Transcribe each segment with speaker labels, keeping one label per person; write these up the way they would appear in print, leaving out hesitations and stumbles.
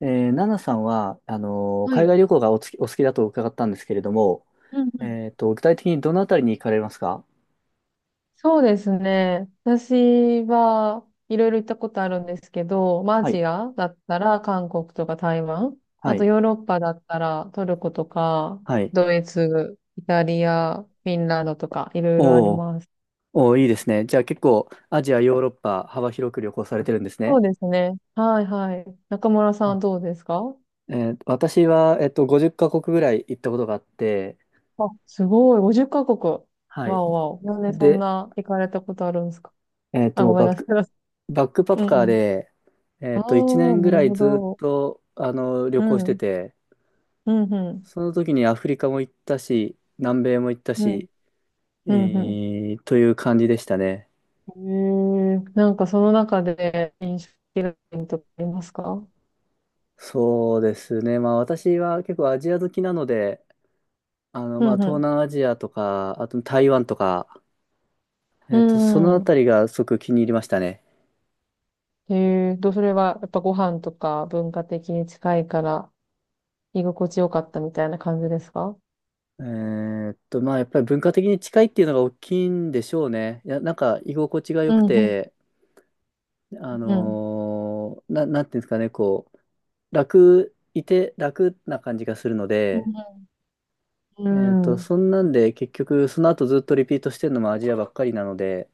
Speaker 1: ナナさんは、
Speaker 2: は
Speaker 1: 海
Speaker 2: い。
Speaker 1: 外旅行がお好きだと伺ったんですけれども、
Speaker 2: うんうん。
Speaker 1: 具体的にどのあたりに行かれますか？
Speaker 2: そうですね。私はいろいろ行ったことあるんですけど、まあア
Speaker 1: は
Speaker 2: ジ
Speaker 1: い、
Speaker 2: アだったら韓国とか台湾、
Speaker 1: は
Speaker 2: あと
Speaker 1: い、
Speaker 2: ヨーロッパだったらトルコとか、
Speaker 1: はい。
Speaker 2: ドイツ、イタリア、フィンランドとかいろいろあり
Speaker 1: おー、
Speaker 2: ます。
Speaker 1: おー、いいですね。じゃあ結構、アジア、ヨーロッパ、幅広く旅行されてるんです
Speaker 2: そう
Speaker 1: ね。
Speaker 2: ですね。はいはい。中村さんは
Speaker 1: あ、
Speaker 2: どうですか？
Speaker 1: 私は、50カ国ぐらい行ったことがあって、
Speaker 2: あ、すごい。50カ
Speaker 1: は
Speaker 2: 国。
Speaker 1: い。
Speaker 2: わおわお。なんでそん
Speaker 1: で、
Speaker 2: な行かれたことあるんですか？あ、
Speaker 1: もう
Speaker 2: ごめんなさい。
Speaker 1: バックパ
Speaker 2: う
Speaker 1: ッ
Speaker 2: ん
Speaker 1: カ
Speaker 2: う
Speaker 1: ー
Speaker 2: ん。
Speaker 1: で、
Speaker 2: ああ、
Speaker 1: 1年ぐ
Speaker 2: な
Speaker 1: ら
Speaker 2: る
Speaker 1: い
Speaker 2: ほ
Speaker 1: ずっ
Speaker 2: ど。
Speaker 1: と、旅
Speaker 2: う
Speaker 1: 行して
Speaker 2: ん。
Speaker 1: て、
Speaker 2: うんうん。
Speaker 1: その時にアフリカも行ったし、南米も行った
Speaker 2: うん
Speaker 1: し、
Speaker 2: うん
Speaker 1: という感じでしたね。
Speaker 2: うん。なんかその中で印象的なポイントってありますか？
Speaker 1: そうですね。まあ私は結構アジア好きなので、
Speaker 2: う
Speaker 1: まあ
Speaker 2: ん
Speaker 1: 東
Speaker 2: う
Speaker 1: 南アジアとか、あと台湾とか、そのあ
Speaker 2: ん。う
Speaker 1: た
Speaker 2: ん。
Speaker 1: りがすごく気に入りましたね。
Speaker 2: それはやっぱご飯とか文化的に近いから居心地よかったみたいな感じですか？
Speaker 1: まあやっぱり文化的に近いっていうのが大きいんでしょうね。いや、なんか居心地が
Speaker 2: う
Speaker 1: 良く
Speaker 2: んうん
Speaker 1: て、
Speaker 2: うん。
Speaker 1: なんていうんですかね、こう、いて楽な感じがするの
Speaker 2: う
Speaker 1: で、
Speaker 2: んうん。うん
Speaker 1: そんなんで結局その後ずっとリピートしてるのもアジアばっかりなので、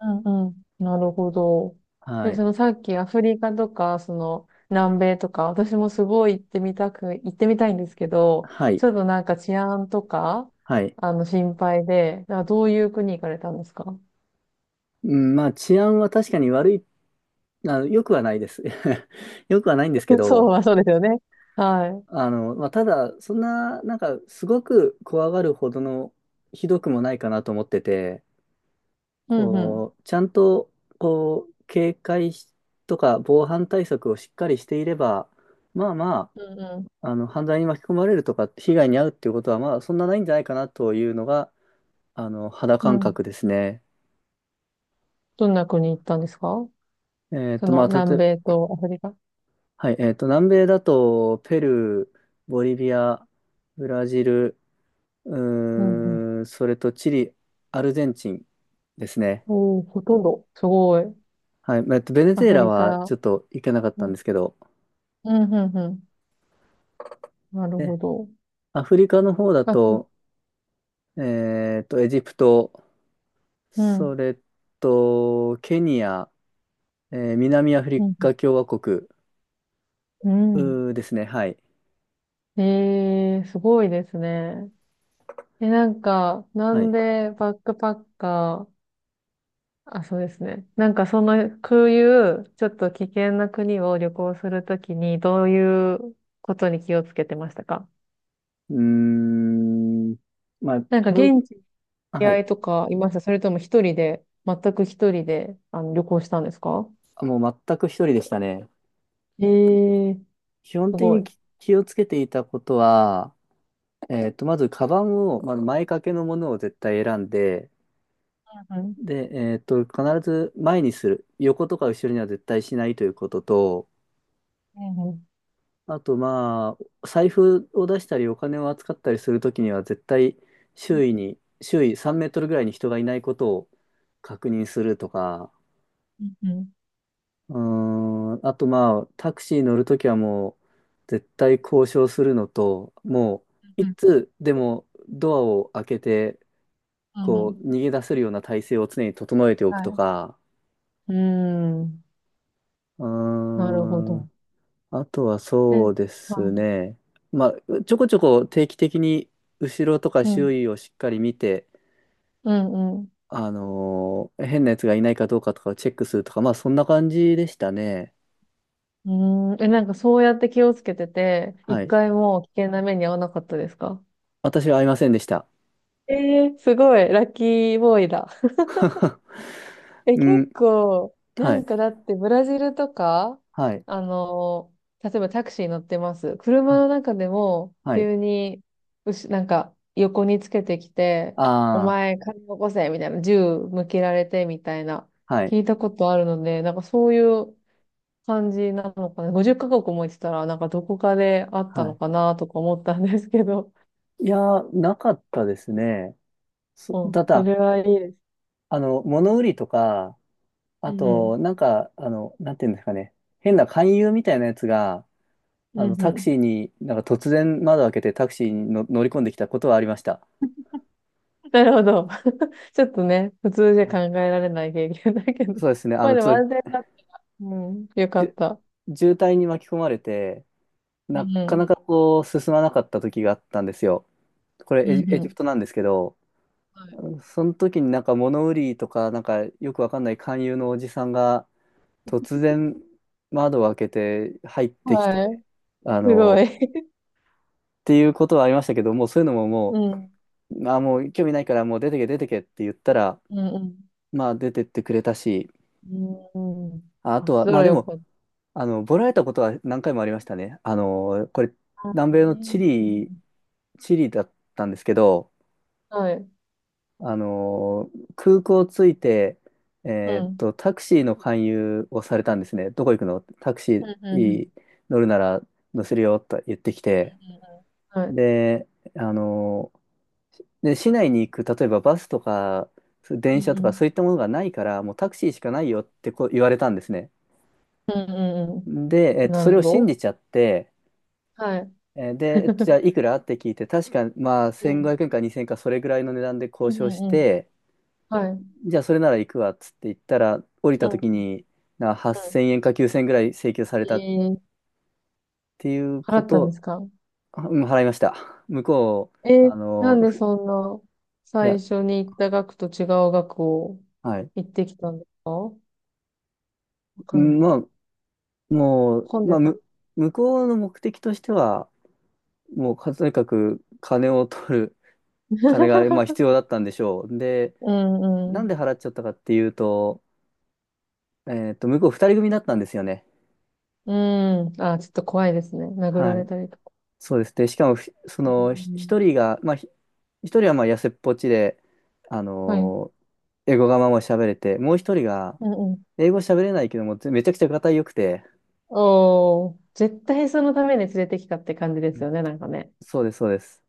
Speaker 2: うんうん。なるほど。
Speaker 1: は
Speaker 2: で、
Speaker 1: い。
Speaker 2: そのさっきアフリカとか、その南米とか、私もすごい行ってみたいんですけど、
Speaker 1: は
Speaker 2: ち
Speaker 1: い。
Speaker 2: ょっとなんか治安とか、
Speaker 1: はい。
Speaker 2: あの心配で、あどういう国行かれたんですか？
Speaker 1: うん、まあ、治安は確かに悪い、良くはないです。良くはないんですけ
Speaker 2: そう
Speaker 1: ど、
Speaker 2: はそうですよね。は
Speaker 1: まあ、ただ、そんな、なんか、すごく怖がるほどのひどくもないかなと思ってて、
Speaker 2: い。うんうん。
Speaker 1: こう、ちゃんと、こう、警戒しとか防犯対策をしっかりしていれば、まあま
Speaker 2: うん
Speaker 1: あ、犯罪に巻き込まれるとか、被害に遭うっていうことは、まあ、そんなないんじゃないかなというのが、肌
Speaker 2: う
Speaker 1: 感
Speaker 2: ん。うん。
Speaker 1: 覚ですね。
Speaker 2: どんな国行ったんですか？そ
Speaker 1: ま
Speaker 2: の
Speaker 1: あ、
Speaker 2: 南米とアフリカ。
Speaker 1: はい、南米だと、ペルー、ボリビア、ブラジル、う
Speaker 2: うんうん。
Speaker 1: それとチリ、アルゼンチンですね。
Speaker 2: おー、ほとんど。すごい。
Speaker 1: はい、まあベネ
Speaker 2: ア
Speaker 1: ズエ
Speaker 2: フ
Speaker 1: ラ
Speaker 2: リ
Speaker 1: は
Speaker 2: カ。
Speaker 1: ちょっと行けなかっ
Speaker 2: う
Speaker 1: たん
Speaker 2: ん、
Speaker 1: ですけど、
Speaker 2: うん、うん。うん。なるほ
Speaker 1: ね
Speaker 2: ど。
Speaker 1: アフリカの方だ
Speaker 2: あ、
Speaker 1: と、エジプト、
Speaker 2: う
Speaker 1: そ
Speaker 2: ん。
Speaker 1: れと、ケニア、南アフ
Speaker 2: うん
Speaker 1: リ
Speaker 2: うん
Speaker 1: カ共和国、
Speaker 2: うん。
Speaker 1: ですね。はい。
Speaker 2: ええ、すごいですね。え、なんか、な
Speaker 1: は
Speaker 2: ん
Speaker 1: い。
Speaker 2: でバックパッカー。あ、そうですね。なんかその、こういう、ちょっと危険な国を旅行するときに、どういうことに気をつけてましたか？
Speaker 1: うーん、まあ、
Speaker 2: なんか現地に知り
Speaker 1: は
Speaker 2: 合
Speaker 1: い。
Speaker 2: いとかいました？それとも一人で、全く一人で、あの、旅行したんですか？
Speaker 1: もう全く一人でしたね。
Speaker 2: ええ、
Speaker 1: 基本
Speaker 2: す
Speaker 1: 的
Speaker 2: ご
Speaker 1: に
Speaker 2: い。
Speaker 1: 気をつけていたことは、まず、カバンを、まず前掛けのものを絶対選んで、
Speaker 2: うん。
Speaker 1: で、必ず前にする。横とか後ろには絶対しないということと、
Speaker 2: うん。
Speaker 1: あと、まあ、財布を出したり、お金を扱ったりするときには、絶対周囲3メートルぐらいに人がいないことを確認するとか、
Speaker 2: うんうん。
Speaker 1: うーあとまあ、タクシー乗るときはもう、絶対交渉するのと、もう、いつでもドアを開けて、
Speaker 2: うんう
Speaker 1: こ
Speaker 2: ん。
Speaker 1: う、逃げ出せるような体制を常に整えておく
Speaker 2: は
Speaker 1: と
Speaker 2: い。
Speaker 1: か、
Speaker 2: うーん。
Speaker 1: うー
Speaker 2: なるほ
Speaker 1: ん、
Speaker 2: ど。
Speaker 1: あとは
Speaker 2: う
Speaker 1: そ
Speaker 2: ん。
Speaker 1: うです
Speaker 2: は
Speaker 1: ね。まあ、ちょこちょこ定期的に後ろとか
Speaker 2: い。うん
Speaker 1: 周囲をしっかり見て、
Speaker 2: うんうん。
Speaker 1: 変なやつがいないかどうかとかをチェックするとか、まあそんな感じでしたね。
Speaker 2: うーん。え、なんかそうやって気をつけてて、
Speaker 1: は
Speaker 2: 一
Speaker 1: い。
Speaker 2: 回も危険な目に遭わなかったですか？
Speaker 1: 私は会いませんでした。
Speaker 2: えすごい、ラッキーボーイだ。え、
Speaker 1: う
Speaker 2: 結
Speaker 1: ん。
Speaker 2: 構、な
Speaker 1: は
Speaker 2: ん
Speaker 1: い。
Speaker 2: かだってブラジルとか、
Speaker 1: はい。
Speaker 2: あの、例えばタクシー乗ってます。車
Speaker 1: は、
Speaker 2: の中でも、
Speaker 1: はい。
Speaker 2: 急に、うし、なんか横につけてきて、お
Speaker 1: あ
Speaker 2: 前、金起こせみたいな、銃向けられてみたいな、
Speaker 1: あ、はい。
Speaker 2: 聞いたことあるので、なんかそういう感じなのかな。50カ国も行ってたら、なんかどこかであった
Speaker 1: は
Speaker 2: の
Speaker 1: い。
Speaker 2: かなとか思ったんですけど。
Speaker 1: いやー、なかったですね。
Speaker 2: う
Speaker 1: た
Speaker 2: ん、そ
Speaker 1: だ、
Speaker 2: れはいいです。
Speaker 1: 物売りとか、
Speaker 2: う
Speaker 1: あ
Speaker 2: ん、
Speaker 1: と、なんか、なんていうんですかね。変な勧誘みたいなやつが、
Speaker 2: うん、う
Speaker 1: タク
Speaker 2: ん。
Speaker 1: シーに、なんか突然窓開けてタクシーに乗り込んできたことはありました。
Speaker 2: なるほど。ちょっとね、普通じゃ
Speaker 1: は
Speaker 2: 考
Speaker 1: い。
Speaker 2: えられない経験だけど。
Speaker 1: そうですね。
Speaker 2: まあで
Speaker 1: ち
Speaker 2: も
Speaker 1: ょっ
Speaker 2: 安全
Speaker 1: と、
Speaker 2: だった。うん、よか
Speaker 1: じ
Speaker 2: っ
Speaker 1: ゅ
Speaker 2: た。
Speaker 1: 渋滞に巻き込まれて、な
Speaker 2: う
Speaker 1: かな
Speaker 2: ん、
Speaker 1: かこう、進まなかった時があったんですよ。こ
Speaker 2: う
Speaker 1: れ、
Speaker 2: ん、
Speaker 1: エ
Speaker 2: う
Speaker 1: ジプ
Speaker 2: ん。
Speaker 1: トなんですけど、
Speaker 2: は
Speaker 1: その時になんか物売りとか、なんかよくわかんない勧誘のおじさんが突然窓を開けて入っ
Speaker 2: い。
Speaker 1: てき
Speaker 2: は
Speaker 1: て、
Speaker 2: い。
Speaker 1: あ
Speaker 2: すご
Speaker 1: の、
Speaker 2: い。
Speaker 1: っていうことはありましたけど、もうそういうのも も
Speaker 2: うん、
Speaker 1: う、まあ、もう興味ないからもう出てけ出てけって言ったら、
Speaker 2: うん、
Speaker 1: まあ出てってくれたし、
Speaker 2: うん。うん。
Speaker 1: あ
Speaker 2: あ、
Speaker 1: と
Speaker 2: そし
Speaker 1: は、
Speaker 2: た
Speaker 1: まあ
Speaker 2: ら
Speaker 1: で
Speaker 2: よ
Speaker 1: も、
Speaker 2: かった。
Speaker 1: ボラれたことは何回もありましたね。これ、南
Speaker 2: う
Speaker 1: 米のチ
Speaker 2: んね。う
Speaker 1: リ、
Speaker 2: ん
Speaker 1: チリだったんですけど、
Speaker 2: うん。はい。
Speaker 1: 空港着いて、
Speaker 2: う
Speaker 1: え
Speaker 2: ん。
Speaker 1: タクシーの勧誘をされたんですね。どこ行くの？タク
Speaker 2: う
Speaker 1: シ
Speaker 2: ん、うん、うん、う
Speaker 1: ー乗るなら乗せるよと言ってきて。
Speaker 2: ん。はい。
Speaker 1: で、あのー市内に行く、例えばバスとか、
Speaker 2: うん、
Speaker 1: 電車と
Speaker 2: う
Speaker 1: か
Speaker 2: ん。
Speaker 1: そういったものがないから、もうタクシーしかないよってこう言われたんですね。
Speaker 2: うん、うん、
Speaker 1: で、
Speaker 2: うん。なる
Speaker 1: それ
Speaker 2: ほ
Speaker 1: を信
Speaker 2: ど。
Speaker 1: じちゃって、
Speaker 2: はい。
Speaker 1: えーで、えっと、じゃあい くらって聞いて、確か、まあ、
Speaker 2: う
Speaker 1: 1500
Speaker 2: ん。
Speaker 1: 円か2000円かそれぐらいの値段で
Speaker 2: う
Speaker 1: 交
Speaker 2: ん
Speaker 1: 渉
Speaker 2: う
Speaker 1: し
Speaker 2: んうん。
Speaker 1: て、
Speaker 2: はい。うん
Speaker 1: じゃあそれなら行くわっつって行ったら、降り
Speaker 2: う
Speaker 1: た
Speaker 2: ん
Speaker 1: 時に、
Speaker 2: う
Speaker 1: 8000
Speaker 2: ん。
Speaker 1: 円か9000円ぐらい請求され
Speaker 2: え
Speaker 1: たっ
Speaker 2: ー、
Speaker 1: ていう
Speaker 2: 払
Speaker 1: こ
Speaker 2: ったんで
Speaker 1: と、
Speaker 2: すか？
Speaker 1: うん、払いました。向こう、あ
Speaker 2: な
Speaker 1: の、
Speaker 2: んで
Speaker 1: ふ
Speaker 2: そんな
Speaker 1: い
Speaker 2: 最
Speaker 1: や、
Speaker 2: 初に行った額と違う額を
Speaker 1: はい。
Speaker 2: 行ってきたんですか？わ
Speaker 1: う
Speaker 2: かんな
Speaker 1: ん、
Speaker 2: い。
Speaker 1: まあ、もう、
Speaker 2: 混ん
Speaker 1: ま
Speaker 2: で
Speaker 1: あ、
Speaker 2: た。
Speaker 1: 向こうの目的としては、もう、とにかく金を取る、まあ、必 要だったんでしょう。で、
Speaker 2: うんう
Speaker 1: なんで
Speaker 2: ん。
Speaker 1: 払っちゃったかっていうと、向こう2人組だったんですよね。
Speaker 2: うん。あ、ちょっと怖いですね。殴ら
Speaker 1: は
Speaker 2: れ
Speaker 1: い。
Speaker 2: たりとか。
Speaker 1: そうですね。しかもふ、そ
Speaker 2: う
Speaker 1: の、ひ一
Speaker 2: ん。
Speaker 1: 人が、まあ、ひ一人はまあ痩せっぽちで、あ
Speaker 2: はい。
Speaker 1: のー英語がまあまあ喋れて、もう一人が、
Speaker 2: うんうん。
Speaker 1: 英語喋れないけども、めちゃくちゃがよくて、
Speaker 2: おー、絶対そのために連れてきたって感じで
Speaker 1: う
Speaker 2: す
Speaker 1: ん。
Speaker 2: よね、なんかね。
Speaker 1: そうです、そうです。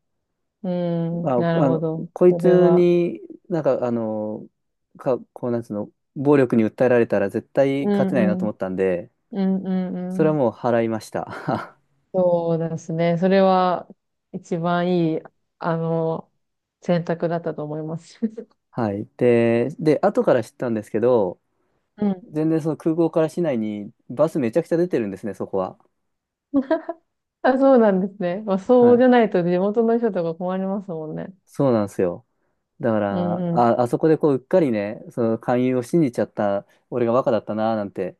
Speaker 2: うん、
Speaker 1: あ、
Speaker 2: なるほど。
Speaker 1: こい
Speaker 2: それ
Speaker 1: つ
Speaker 2: は。
Speaker 1: に、なんか、こう、なんつうの、暴力に訴えられたら絶対
Speaker 2: う
Speaker 1: 勝て
Speaker 2: ん
Speaker 1: な
Speaker 2: う
Speaker 1: いなと
Speaker 2: ん。
Speaker 1: 思ったんで、
Speaker 2: うんうん
Speaker 1: そ
Speaker 2: う
Speaker 1: れは
Speaker 2: ん。
Speaker 1: もう払いました。
Speaker 2: そうですね。それは一番いい、あの、選択だったと思います。
Speaker 1: はい。で、後から知ったんですけど、
Speaker 2: うん。
Speaker 1: 全然その空港から市内にバスめちゃくちゃ出てるんですね、そこは。
Speaker 2: あ、そうなんですね。まあ、
Speaker 1: は
Speaker 2: そう
Speaker 1: い。
Speaker 2: じゃないと地元の人とか困りますもんね。
Speaker 1: そうなんですよ。だか
Speaker 2: う
Speaker 1: ら、
Speaker 2: んう
Speaker 1: あそこでこう、うっかりね、その勧誘を信じちゃった、俺がバカだったな、なんて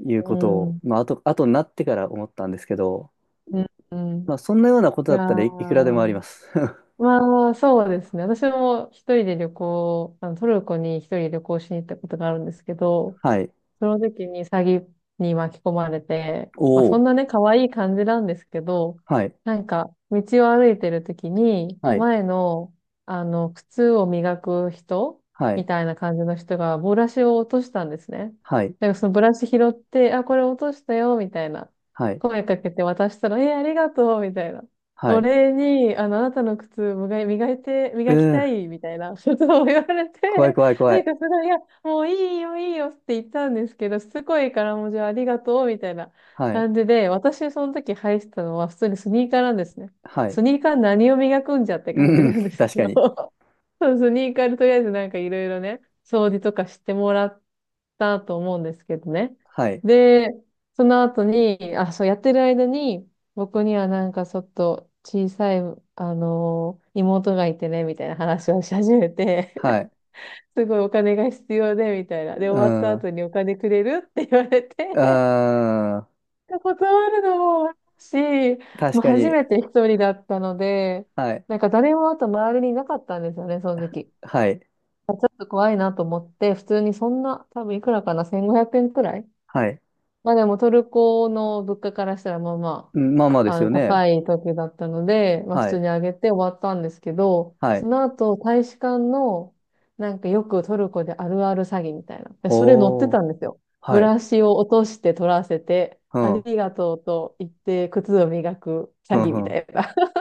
Speaker 1: い
Speaker 2: ん。
Speaker 1: うこと
Speaker 2: う
Speaker 1: を、
Speaker 2: ん。
Speaker 1: まあ、後になってから思ったんですけど、
Speaker 2: うんうん。
Speaker 1: まあ、そんなようなこと
Speaker 2: い
Speaker 1: だ
Speaker 2: や
Speaker 1: ったらいくらでもありま
Speaker 2: ー。
Speaker 1: す。
Speaker 2: まあ、そうですね。私も一人で旅行、トルコに一人旅行しに行ったことがあるんですけど、
Speaker 1: はい。
Speaker 2: その時に詐欺に巻き込まれて、まあ
Speaker 1: お
Speaker 2: そ
Speaker 1: お。
Speaker 2: んなね、可愛い感じなんですけど、
Speaker 1: はい。
Speaker 2: なんか、道を歩いてる時に、
Speaker 1: はい。
Speaker 2: 前の、あの、靴を磨く人
Speaker 1: は
Speaker 2: み
Speaker 1: い。
Speaker 2: たいな感じの人が、ブラシを落としたんですね。
Speaker 1: はい。
Speaker 2: だからそのブラシ拾って、あ、これ落としたよ、みたいな。
Speaker 1: はい。
Speaker 2: 声かけて渡したら、え、ありがとう、みたいな。
Speaker 1: は
Speaker 2: お
Speaker 1: い。
Speaker 2: 礼に、あの、あなたの靴
Speaker 1: う
Speaker 2: 磨きた
Speaker 1: ー、
Speaker 2: い、みたいなことを 言われ
Speaker 1: 怖い
Speaker 2: て、
Speaker 1: 怖い怖
Speaker 2: なんか
Speaker 1: い。
Speaker 2: すごい、いやもういいよ、いいよって言ったんですけど、すごいからもうじゃあありがとうみたいな
Speaker 1: はい。
Speaker 2: 感じで、私その時履いてたのは普通にスニーカーなんですね。
Speaker 1: はい。
Speaker 2: スニーカー何を磨くんじゃって感じ
Speaker 1: う
Speaker 2: な
Speaker 1: ん、
Speaker 2: んで すけ
Speaker 1: 確か
Speaker 2: ど、
Speaker 1: に。
Speaker 2: そうスニーカーでとりあえずなんかいろいろね、掃除とかしてもらったと思うんですけどね。
Speaker 1: はい。
Speaker 2: で、その後に、あ、そうやってる間に、僕にはなんかちょっと小さい、あの妹がいてね、みたいな話をし始めて、
Speaker 1: はい。
Speaker 2: すごいお金が必要で、みたいな。で、
Speaker 1: う
Speaker 2: 終わった
Speaker 1: ん。う
Speaker 2: 後にお金くれるって言われ
Speaker 1: ー
Speaker 2: て
Speaker 1: ん。
Speaker 2: 断るのもし、も
Speaker 1: 確
Speaker 2: う
Speaker 1: か
Speaker 2: 初
Speaker 1: に。
Speaker 2: めて一人だったので、
Speaker 1: はい。
Speaker 2: なんか誰もあと周りにいなかったんですよね、その時。
Speaker 1: はい。
Speaker 2: ちょっと怖いなと思って、普通にそんな、多分いくらかな、1500円くえんくらい。
Speaker 1: はい。
Speaker 2: まあでもトルコの物価からしたらまあま
Speaker 1: うん、まあまあで
Speaker 2: あ
Speaker 1: すよ
Speaker 2: の、
Speaker 1: ね。
Speaker 2: 高い時だったので、まあ普
Speaker 1: は
Speaker 2: 通
Speaker 1: い。
Speaker 2: にあげて終わったんですけど、
Speaker 1: は
Speaker 2: そ
Speaker 1: い。
Speaker 2: の後、大使館の、なんかよくトルコであるある詐欺みたいな。で、それ乗って
Speaker 1: ほー。
Speaker 2: たんですよ。ブ
Speaker 1: はい。
Speaker 2: ラシを落として取らせて、
Speaker 1: う
Speaker 2: あ
Speaker 1: ん。う
Speaker 2: りがとうと言って靴を磨く
Speaker 1: ん。
Speaker 2: 詐欺みた
Speaker 1: う
Speaker 2: いな。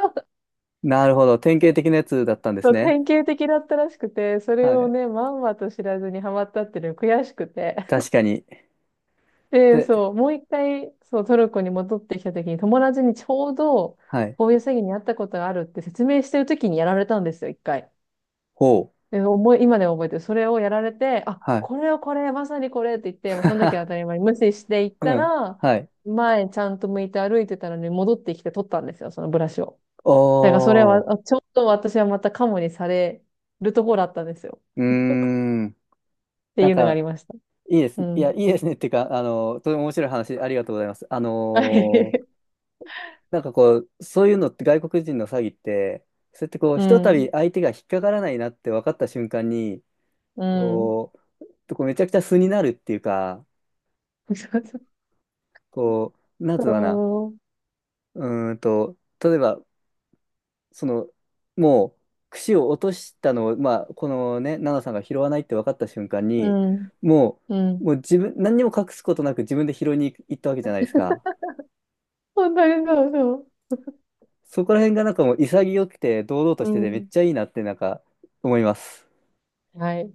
Speaker 1: ん。なるほど。典型的なやつだったんで
Speaker 2: そ
Speaker 1: す
Speaker 2: う、
Speaker 1: ね。
Speaker 2: 典型的だったらしくて、それ
Speaker 1: は
Speaker 2: を
Speaker 1: い。
Speaker 2: ね、まんまと知らずにハマったっていうのが悔しくて。
Speaker 1: 確かに。
Speaker 2: で、
Speaker 1: で、
Speaker 2: そう、もう一回、そう、トルコに戻ってきた時に、友達にちょうど、
Speaker 1: はい。
Speaker 2: こういう詐欺にあったことがあるって説明してる時にやられたんですよ、一回。
Speaker 1: ほう。
Speaker 2: で、今でも覚えてる。それをやられて、あ、
Speaker 1: はい。
Speaker 2: これ、まさにこれって言って、もうその時は当たり 前に無視していっ
Speaker 1: う
Speaker 2: た
Speaker 1: ん。
Speaker 2: ら、
Speaker 1: はい。
Speaker 2: 前ちゃんと向いて歩いてたのに戻ってきて取ったんですよ、そのブラシを。だからそれ
Speaker 1: お
Speaker 2: は、
Speaker 1: ー。
Speaker 2: ちょうど私はまたカモにされるところだったんですよ。
Speaker 1: うーん。
Speaker 2: って
Speaker 1: なん
Speaker 2: いうのがあり
Speaker 1: か、
Speaker 2: ました。
Speaker 1: いいで
Speaker 2: う
Speaker 1: すね。いや、い
Speaker 2: ん。
Speaker 1: いですね。っていうか、とても面白い話、ありがとうございます。
Speaker 2: はい。
Speaker 1: なんかこう、そういうのって外国人の詐欺って、そうやってこう、
Speaker 2: う
Speaker 1: ひとたび
Speaker 2: ん。
Speaker 1: 相手が引っかからないなって分かった瞬間に、
Speaker 2: うん。
Speaker 1: ここうめちゃくちゃ素になるっていうか、
Speaker 2: そうそう
Speaker 1: こう、なんつうのかな、
Speaker 2: そう。
Speaker 1: うーんと、例えば、その、もう、櫛を落としたのを、まあ、このね、奈々さんが拾わないって分かった瞬間
Speaker 2: う
Speaker 1: に、
Speaker 2: ん。
Speaker 1: も
Speaker 2: うん。
Speaker 1: もう自分、何にも隠すことなく自分で拾いに行ったわけじゃないですか。
Speaker 2: 本当にそうそう。
Speaker 1: そこら辺がなんかもう潔くて、堂々と
Speaker 2: う
Speaker 1: してて、めっ
Speaker 2: ん。
Speaker 1: ちゃいいなって、なんか、思います。
Speaker 2: はい。